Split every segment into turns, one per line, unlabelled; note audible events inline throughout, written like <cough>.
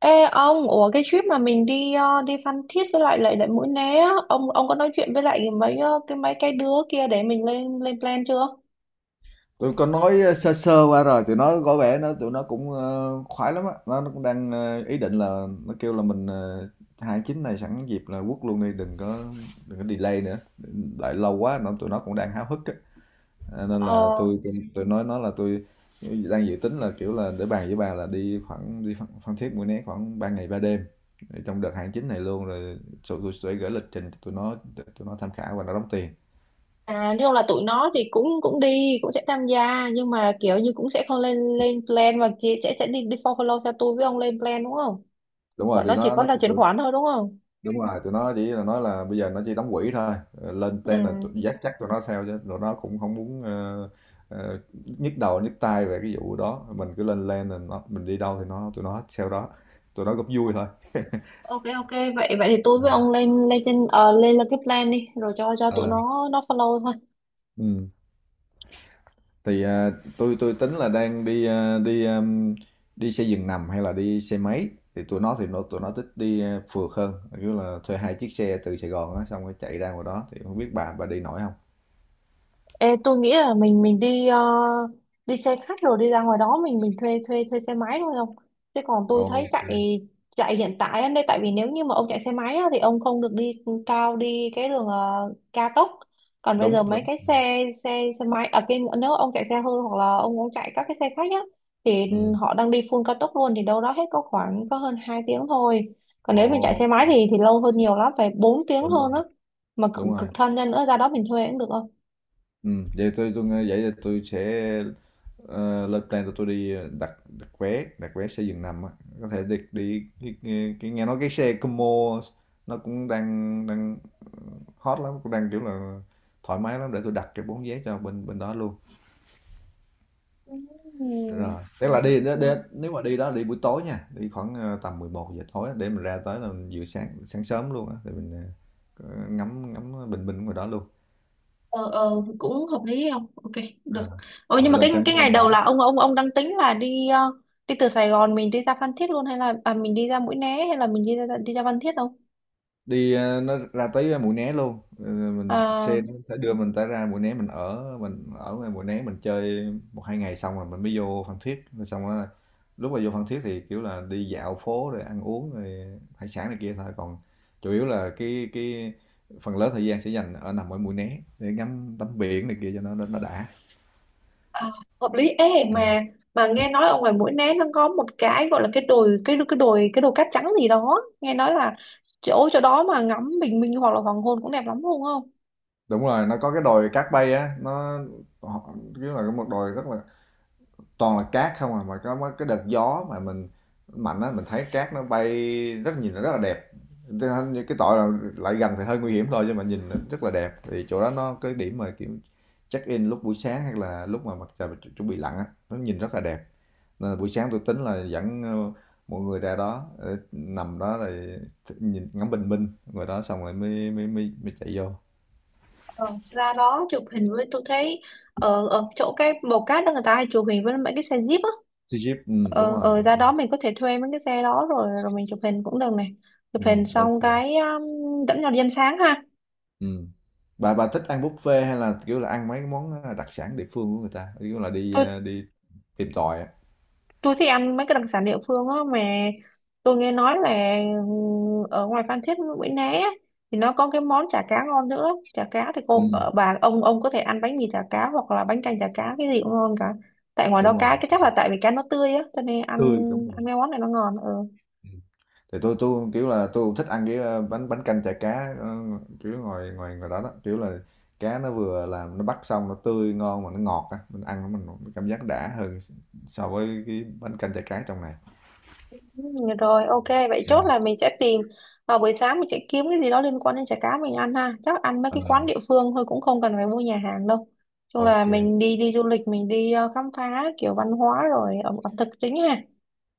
Ê ông, ủa cái trip mà mình đi đi Phan Thiết với lại lại lại Mũi Né á, ông có nói chuyện với lại mấy cái mấy cái đứa kia để mình lên lên plan chưa?
Tụi có nói sơ sơ qua rồi, tụi nó có vẻ tụi nó cũng khoái lắm á, nó cũng đang ý định là nó kêu là mình 29 này sẵn dịp là quất luôn đi, đừng có delay nữa. Đợi lâu quá tụi nó cũng đang háo hức á. À, nên là
Ờ,
tôi nói nó là tôi đang dự tính là kiểu là để bàn với bà là đi khoảng đi Phan Thiết Mũi Né khoảng 3 ngày 3 đêm để trong đợt hàng chín này luôn rồi tụi tôi sẽ gửi lịch trình cho tụi nó để tụi nó tham khảo và nó đóng tiền
à nhưng là tụi nó thì cũng cũng đi, cũng sẽ tham gia nhưng mà kiểu như cũng sẽ không lên lên plan mà chỉ sẽ đi đi follow theo tôi với ông lên plan đúng không?
đúng rồi
Bọn
tụi
nó chỉ
nó
có là chuyển khoản thôi đúng không?
đúng rồi tụi nó chỉ là nói là bây giờ nó chỉ đóng quỹ thôi. Ờ, lên
Ừ.
plan là dắt chắc tụi nó theo chứ tụi nó cũng không muốn ờ, nhức đầu nhức tai về cái vụ đó, mình cứ lên plan mình đi đâu thì tụi nó theo đó, tụi nó góp vui thôi.
Ok, ok, vậy vậy thì tôi với ông lên lên trên ờ, lên lên cái plan đi rồi cho tụi
Ờ,
nó follow thôi.
ừ. Thì tôi tính là đang đi ờ, đi đi xe giường nằm hay là đi xe máy, thì tụi nó tụi nó thích đi phượt hơn, kiểu là thuê hai chiếc xe từ Sài Gòn á xong rồi chạy ra ngoài đó, thì không biết bà đi nổi không.
Ê, tôi nghĩ là mình đi đi xe khách rồi đi ra ngoài đó mình thuê thuê thuê xe máy thôi không? Chứ còn tôi
Ồ,
thấy
ok.
chạy chạy hiện tại anh đây tại vì nếu như mà ông chạy xe máy á, thì ông không được đi cao đi cái đường cao tốc. Còn bây giờ
Đúng
mấy
đúng,
cái xe xe xe máy ở cái nếu ông chạy xe hơi hoặc là ông muốn chạy các cái xe khách á thì
ừ.
họ đang đi full cao tốc luôn thì đâu đó hết có khoảng có hơn 2 tiếng thôi. Còn
Ồ,
nếu mình chạy xe máy thì lâu hơn nhiều lắm phải 4 tiếng
đúng rồi,
hơn á. Mà cực,
đúng rồi.
cực thân ra nữa ra đó mình thuê cũng được không?
Ừ, vậy thì tôi sẽ lên plan tụi tôi đi đặt đặt vé xe giường nằm á, có thể đi đi cái nghe nói cái xe combo nó cũng đang đang hot lắm, cũng đang kiểu là thoải mái lắm, để tôi đặt cái bốn vé cho bên bên đó luôn. Được
Ừm,
rồi, tức là đi
ngon.
nếu mà đi đó đi buổi tối nha, đi khoảng tầm 11 giờ tối á, để mình ra tới là mình vừa sáng sáng sớm luôn á, để mình ngắm ngắm bình minh ngoài đó luôn.
Ờ ờ, cũng hợp lý không, ok được.
À.
Ờ nhưng
Rồi
mà
lên cho nó
cái ngày
lên
đầu
ngủ.
là ông đang tính là đi đi từ Sài Gòn mình đi ra Phan Thiết luôn hay là à, mình đi ra Mũi Né hay là mình đi ra Phan Thiết không?
Đi nó ra tới Mũi Né luôn. Ờ, mình
À,
xe nó sẽ đưa mình tới ra Mũi Né, mình ở ngoài Mũi Né, mình chơi một hai ngày xong rồi mình mới vô Phan Thiết, rồi xong rồi lúc mà vô Phan Thiết thì kiểu là đi dạo phố rồi ăn uống rồi hải sản này kia thôi, còn chủ yếu là cái phần lớn thời gian sẽ dành ở nằm ở Mũi Né để ngắm tắm biển này kia cho nó đã.
à hợp lý ế
Ừ.
mà nghe nói ở ngoài Mũi Né nó có một cái gọi là cái đồi cát trắng gì đó nghe nói là chỗ chỗ đó mà ngắm bình minh hoặc là hoàng hôn cũng đẹp lắm đúng không?
Đúng rồi, nó có cái đồi cát bay á, nó kiểu là một đồi rất là toàn là cát không à, mà có mấy cái đợt gió mà mình mạnh á mình thấy cát nó bay, nhìn nó rất là đẹp. Cái tội là lại gần thì hơi nguy hiểm thôi, nhưng mà nhìn nó rất là đẹp, thì chỗ đó nó cái điểm mà kiểu check in lúc buổi sáng hay là lúc mà mặt trời chuẩn bị lặn á, nó nhìn rất là đẹp. Nên là buổi sáng tôi tính là dẫn mọi người ra đó nằm đó, rồi nhìn ngắm bình minh ngoài đó xong rồi mới chạy vô.
Ờ, ra đó chụp hình với tôi thấy ở ở chỗ cái bầu cát đó người ta hay chụp hình với mấy cái xe jeep á.
Sea Games, ừ, đúng
Ờ,
rồi
ở
đúng
ra
rồi.
đó mình có thể thuê mấy cái xe đó rồi rồi mình chụp hình cũng được này, chụp
Ừ,
hình
ok.
xong cái dẫn nhau đi ăn sáng ha.
Ừm. Bà thích ăn buffet, hay là kiểu là ăn mấy cái món, à, đặc sản địa phương của người ta? Kiểu là đi tìm tòi á.
Tôi thích ăn mấy cái đặc sản địa phương á, mà tôi nghe nói là ừ, ở ngoài Phan Thiết Mũi Né á, thì nó có cái món chả cá ngon nữa. Chả cá thì cô
Ừm,
bà ông có thể ăn bánh mì chả cá hoặc là bánh canh chả cá cái gì cũng ngon cả, tại ngoài đó
đúng rồi,
cá cái chắc là tại vì cá nó tươi á cho nên ăn,
tươi, đúng rồi.
ăn cái món này nó ngon. Ừ.
Ừm, thì tôi kiểu là, tôi cũng thích ăn cái, a, bánh bánh canh chả cá, kiểu, ngoài ngoài ngoài đó đó, kiểu là cá nó vừa làm nó bắt xong nó tươi ngon mà nó ngọt á, mình ăn nó mình cảm giác đã hơn so với cái bánh canh chả cá trong này.
Ừ, rồi ok, vậy chốt
Ừm,
là mình sẽ tìm vào buổi sáng mình sẽ kiếm cái gì đó liên quan đến chả cá mình ăn ha, chắc ăn mấy
ờ,
cái quán địa phương thôi cũng không cần phải mua nhà hàng đâu, chung là
OK.
mình đi đi du lịch mình đi khám phá kiểu văn hóa rồi ẩm ẩm thực chính ha.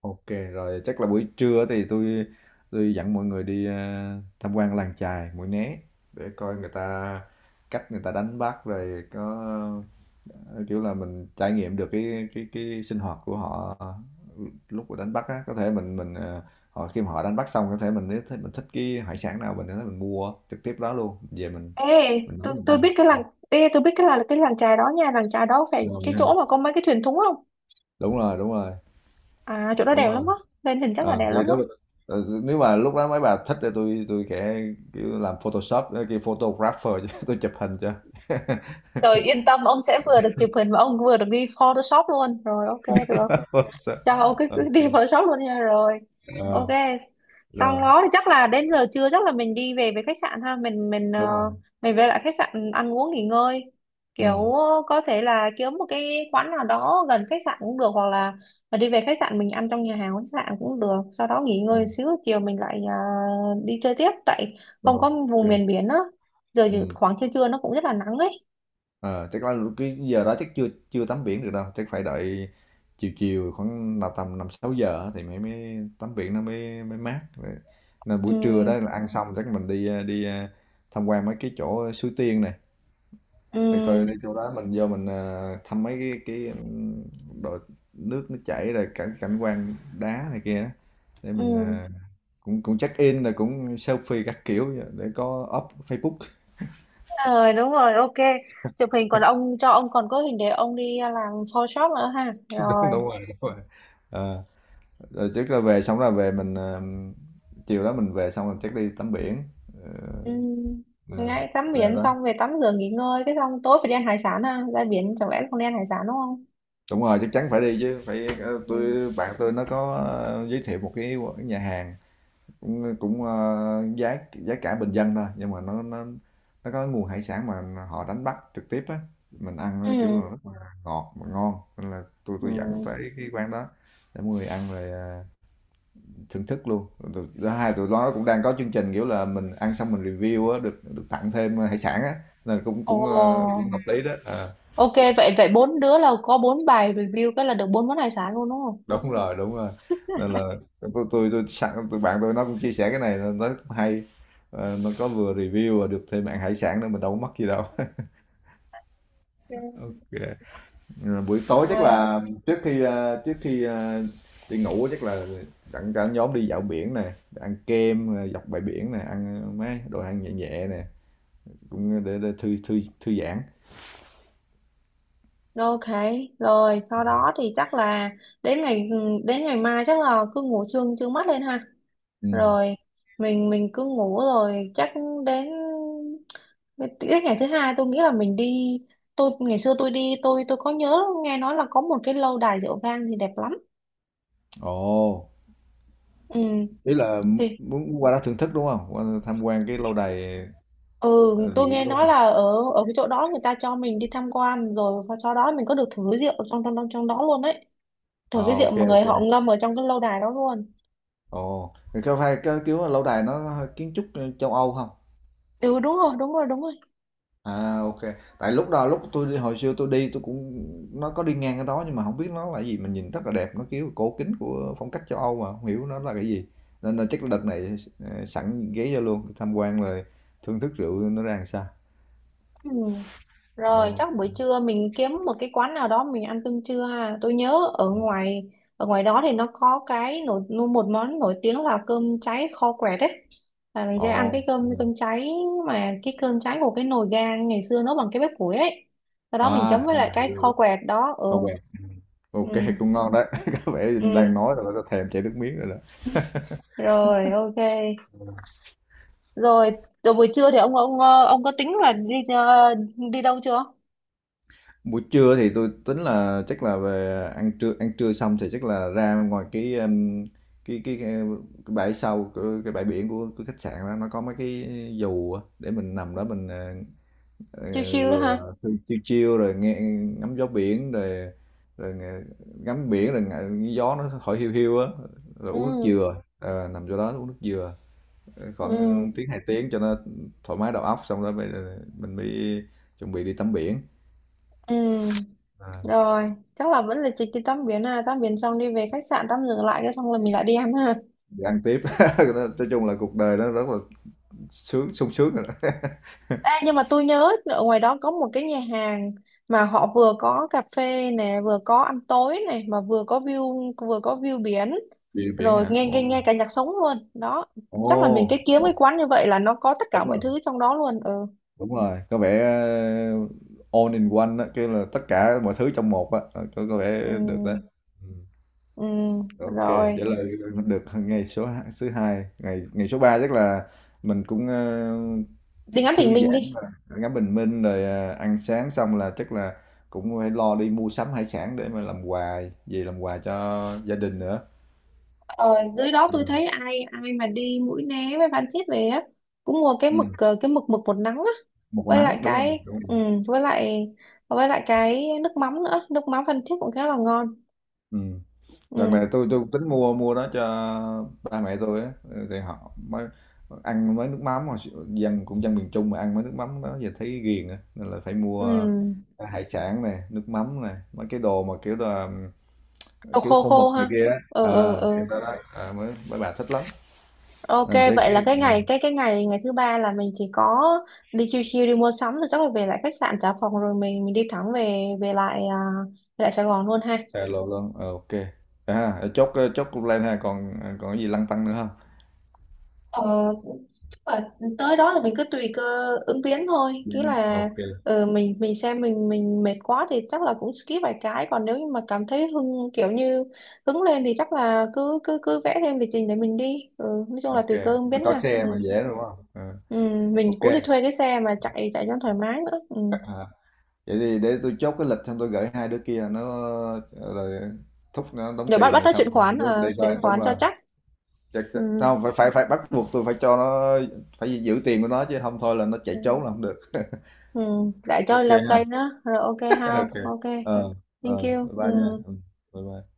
Ok, rồi chắc là buổi trưa thì tôi dẫn mọi người đi tham quan làng chài Mũi Né để coi người ta, cách người ta đánh bắt rồi có ờ, kiểu là mình trải nghiệm được cái sinh hoạt của họ lúc mà đánh bắt á, có thể mình họ, khi mà họ đánh bắt xong có thể mình, nếu thích mình thích cái hải sản nào mình có thể mình mua trực tiếp đó luôn về
Ê,
mình nấu
tôi
mình
tôi
ăn.
biết cái làng, ê tôi biết cái là cái làng chài đó nha, làng chài đó phải
Đúng
cái
rồi,
chỗ mà có mấy cái thuyền thúng không?
đúng rồi
À chỗ đó
đúng
đẹp lắm
rồi.
á, lên hình chắc là
Ờ,
đẹp
thì
lắm á.
nếu mà lúc đó mấy bà thích thì tôi sẽ kiểu làm Photoshop, cái photographer chứ <laughs> tôi chụp hình cho <laughs>
Rồi yên tâm ông sẽ vừa được chụp hình và ông vừa được đi Photoshop luôn, rồi ok được.
Photoshop.
Trời ơi, cái
Ok.
đi vào sốt luôn nha. Rồi. Ok.
Ờ,
Xong
rồi
đó thì chắc là đến giờ trưa chắc là mình đi về về khách sạn ha, mình ờ,
đúng rồi,
mình về lại khách sạn ăn uống nghỉ ngơi.
ừ
Kiểu ờ, có thể là kiếm một cái quán nào đó gần khách sạn cũng được hoặc là mà đi về khách sạn mình ăn trong nhà hàng khách sạn cũng được, sau đó nghỉ
ừ,
ngơi xíu chiều mình lại đi chơi tiếp tại
rồi
không có vùng
ok
miền biển á. Giờ dự-
ừ.
khoảng trưa trưa nó cũng rất là nắng ấy.
Ờ, chắc là cái giờ đó chắc chưa chưa tắm biển được đâu, chắc phải đợi chiều chiều khoảng nào tầm 5 6 giờ á thì mới mới tắm biển, nó mới mới mát rồi. Nên
Ừ,
buổi trưa đó là ăn xong chắc mình tham quan mấy cái chỗ suối tiên.
ừ,
Thì coi đi chỗ đó mình vô mình thăm mấy cái đồ nước nó chảy rồi cảnh cảnh quan đá này kia á, để mình
ừ.
cũng cũng check in rồi cũng selfie các kiểu vậy, để có up Facebook.
Rồi đúng rồi, ok. Chụp hình còn ông cho ông còn có hình để ông đi làm Photoshop nữa ha.
<laughs>
Rồi.
Đúng đúng rồi đúng rồi. Ờ, rồi trước là về xong là về, mình chiều đó mình về xong là chắc đi tắm biển. Ờ,
Ừm.
ừ,
Ngay tắm
là
biển
đó
xong về tắm rửa nghỉ ngơi cái xong tối phải đi ăn hải sản ha. Ra biển chẳng lẽ không đi ăn hải sản đúng không?
đúng rồi, chắc chắn phải đi chứ. Phải
Ừm.
tôi bạn tôi nó có giới thiệu một cái nhà hàng, cũng cũng, giá giá cả bình dân thôi, nhưng mà nó có nguồn hải sản mà họ đánh bắt trực tiếp á, mình ăn nó kiểu
Ừ.
là rất là ngọt mà ngon, nên là tôi dẫn
Ừ.
tới cái quán đó để mọi người ăn rồi à, thưởng thức luôn. Rồi thứ hai tụi nó cũng đang có chương trình kiểu là mình ăn xong mình review á, được được tặng thêm hải sản á, nên cũng
Ồ.
cũng cũng hợp lý đó. Ờ.
Ok, vậy vậy bốn đứa là có bốn bài review cái là được bốn món hải sản luôn đúng không?
Đúng rồi, đúng rồi. Nên là tôi sẵn tụi bạn tôi nó cũng chia sẻ cái này nó cũng hay. Ờ, nó có vừa review và được thêm bạn hải sản nữa, mình đâu có mất gì đâu.
Ok.
Ok. Rồi buổi tối chắc
Rồi.
là trước khi đi ngủ chắc là dẫn cả nhóm đi dạo biển nè, ăn kem dọc bãi biển nè, ăn mấy đồ ăn nhẹ nhẹ nè, cũng để, thư thư thư giãn.
Ok, rồi sau đó thì chắc là đến ngày ừ, đến ngày mai chắc là cứ ngủ trương trương mắt lên ha.
Ừ.
Rồi mình cứ ngủ rồi chắc đến đến ngày thứ hai tôi nghĩ là mình đi, tôi ngày xưa tôi đi tôi có nhớ nghe nói là có một cái lâu đài rượu vang thì đẹp lắm.
Ồ,
Ừ
ý là
thì
muốn qua đó thưởng thức đúng không? Qua tham quan cái lâu đài
ừ, tôi
lụa
nghe
đúng
nói là
không?
ở ở cái chỗ đó người ta cho mình đi tham quan rồi và sau đó mình có được thử rượu trong trong trong trong đó luôn đấy.
Ờ
Thử cái rượu
ok
mà người
ok.
họ ngâm ở trong cái lâu đài đó luôn.
Ồ, thì có phải cái kiểu lâu đài nó hơi kiến trúc châu Âu không?
Ừ đúng rồi, đúng rồi, đúng rồi.
À ok, tại lúc đó lúc tôi đi hồi xưa tôi đi tôi cũng, nó có đi ngang cái đó nhưng mà không biết nó là gì, mình nhìn rất là đẹp, nó kiểu cổ kính của phong cách châu Âu mà không hiểu nó là cái gì, nên là chắc là đợt này sẵn ghé vô luôn tham quan rồi thưởng thức rượu nó ra làm sao.
Ừ. Rồi
Ồ,
chắc buổi trưa mình kiếm một cái quán nào đó mình ăn cơm trưa ha. Tôi nhớ ở ngoài đó thì nó có cái nổi một món nổi tiếng là cơm cháy kho quẹt đấy. Là mình sẽ ăn
ồ,
cái cơm
ừ.
cơm cháy mà cái cơm cháy của cái nồi gang ngày xưa nấu bằng cái bếp củi ấy. Sau
À,
đó mình chấm với
à
lại
hiểu,
cái kho
hiểu.
quẹt đó. Ừ.
Ok, ok,
Ừ.
cũng ngon đấy, <laughs> có vẻ đang
Ừ.
nói rồi nó thèm chảy nước miếng rồi đó.
Rồi ok. Rồi, rồi buổi trưa thì ông có tính là đi đi đâu chưa?
Buổi trưa thì tôi tính là chắc là về ăn trưa xong thì chắc là ra ngoài cái bãi sau cái bãi biển của cái khách sạn đó, nó có mấy cái dù á, để mình nằm đó, mình ờ,
Chiêu chiêu đó
vừa
ha.
chiêu chiêu rồi nghe ngắm gió biển rồi rồi ngắm biển rồi nghe cái gió nó thổi hiu hiu á rồi uống nước
Ừ.
dừa. Ờ, nằm chỗ đó uống nước dừa. Ờ,
Ừ,
khoảng tiếng hai tiếng cho nó thoải mái đầu óc, xong rồi bây giờ mình mới chuẩn bị đi tắm biển.
ừ,
Ờ,
rồi chắc là vẫn là chỉ đi tắm biển, à tắm biển xong đi về khách sạn tắm dừng lại cái xong là mình lại đi ăn ha.
thì ăn tiếp, <laughs> nói chung là cuộc đời nó rất là sung sướng rồi đó.
Ê, nhưng mà tôi nhớ ở ngoài đó có một cái nhà hàng mà họ vừa có cà phê nè vừa có ăn tối này mà vừa có view biển,
<laughs> Biển biển
rồi
hả?
nghe nghe
Ồ,
nghe cả nhạc sống luôn đó,
ồ,
chắc là mình cái kiếm
ồ,
cái quán như vậy là nó có tất cả
đúng
mọi
rồi,
thứ trong đó luôn. Ừ,
đúng rồi, có vẻ ờ, all in one á, kêu là tất cả mọi thứ trong một á. Ờ, có
ừ,
vẻ được đấy. Ừ.
ừ.
Ok, vậy
Rồi
là được ngày thứ hai, ngày ngày số 3 chắc là mình cũng
đi ngắm bình
thư
minh
giãn
đi.
và ngắm bình minh, rồi ăn sáng xong là chắc là cũng phải lo đi mua sắm hải sản để mà làm quà, về làm quà cho gia đình nữa.
Ờ, dưới đó tôi thấy ai ai mà đi Mũi Né với Phan Thiết về á cũng mua cái mực
Ừm,
cái mực mực bột nắng á,
một
với lại
nắng, đúng rồi, đúng
cái ừ,
rồi.
với lại với lại cái nước mắm nữa, nước mắm Phan Thiết cũng khá là ngon.
Ừm, đợt này
Ừ.
tôi tính mua mua đó cho ba mẹ tôi á, ừ, thì họ mới ăn mấy nước mắm mà dân cũng dân miền Trung mà ăn mấy nước mắm đó giờ thấy ghiền á, nên là phải mua
Ừ.
hải sản này, nước mắm này, mấy cái đồ mà kiểu là
Đồ
kiểu
khô
khô mực
khô
này
ha.
kia á.
Ừ, ừ,
Ờ, thì
ừ,
đó đó, ờ, mấy mấy bà thích lắm.
ok.
Ờ, thế
Vậy
cái
là cái ngày ngày thứ ba là mình chỉ có đi chiêu chiêu đi mua sắm rồi chắc là về lại khách sạn trả phòng rồi mình đi thẳng về về lại à, về lại Sài Gòn luôn ha.
xài lộ luôn. Ờ, ok. À, chốt chốt cũng lên ha, còn còn cái gì lăn tăn nữa không?
Ờ, chắc là tới đó thì mình cứ tùy cơ ứng biến thôi
Dạ.
nghĩa là
Ok,
mình xem mình mệt quá thì chắc là cũng skip vài cái còn nếu như mà cảm thấy hưng kiểu như hứng lên thì chắc là cứ cứ cứ vẽ thêm lịch trình để mình đi, ừ, nói chung là
ok.
tùy cơ ứng biến
Có
ha. Ừ.
xe mà dễ đúng không? Ờ.
Ừ, mình
Ok.
cũng đi thuê cái xe mà chạy chạy cho thoải mái nữa. Ừ.
À, vậy thì để tôi chốt cái lịch xong tôi gửi hai đứa kia nó, rồi thúc nó đóng
Rồi bắt
tiền
bắt
rồi
nói
xong
chuyện
rồi
khoán
đứa đi thôi.
chuyện
Đúng
khoán cho
rồi,
chắc.
chắc chắc-
Ừ.
không phải phải phải bắt buộc, tôi phải cho nó, phải giữ tiền của nó chứ không thôi là nó chạy
Ừ.
trốn là không được. <laughs>
Ừ. Lại cho
Ok
leo
ha.
cây nữa rồi, ok
<laughs>
how
Ok,
ok,
ờ,
thank
rồi bye
you. Ừ.
bye nha. Ừ, bye bye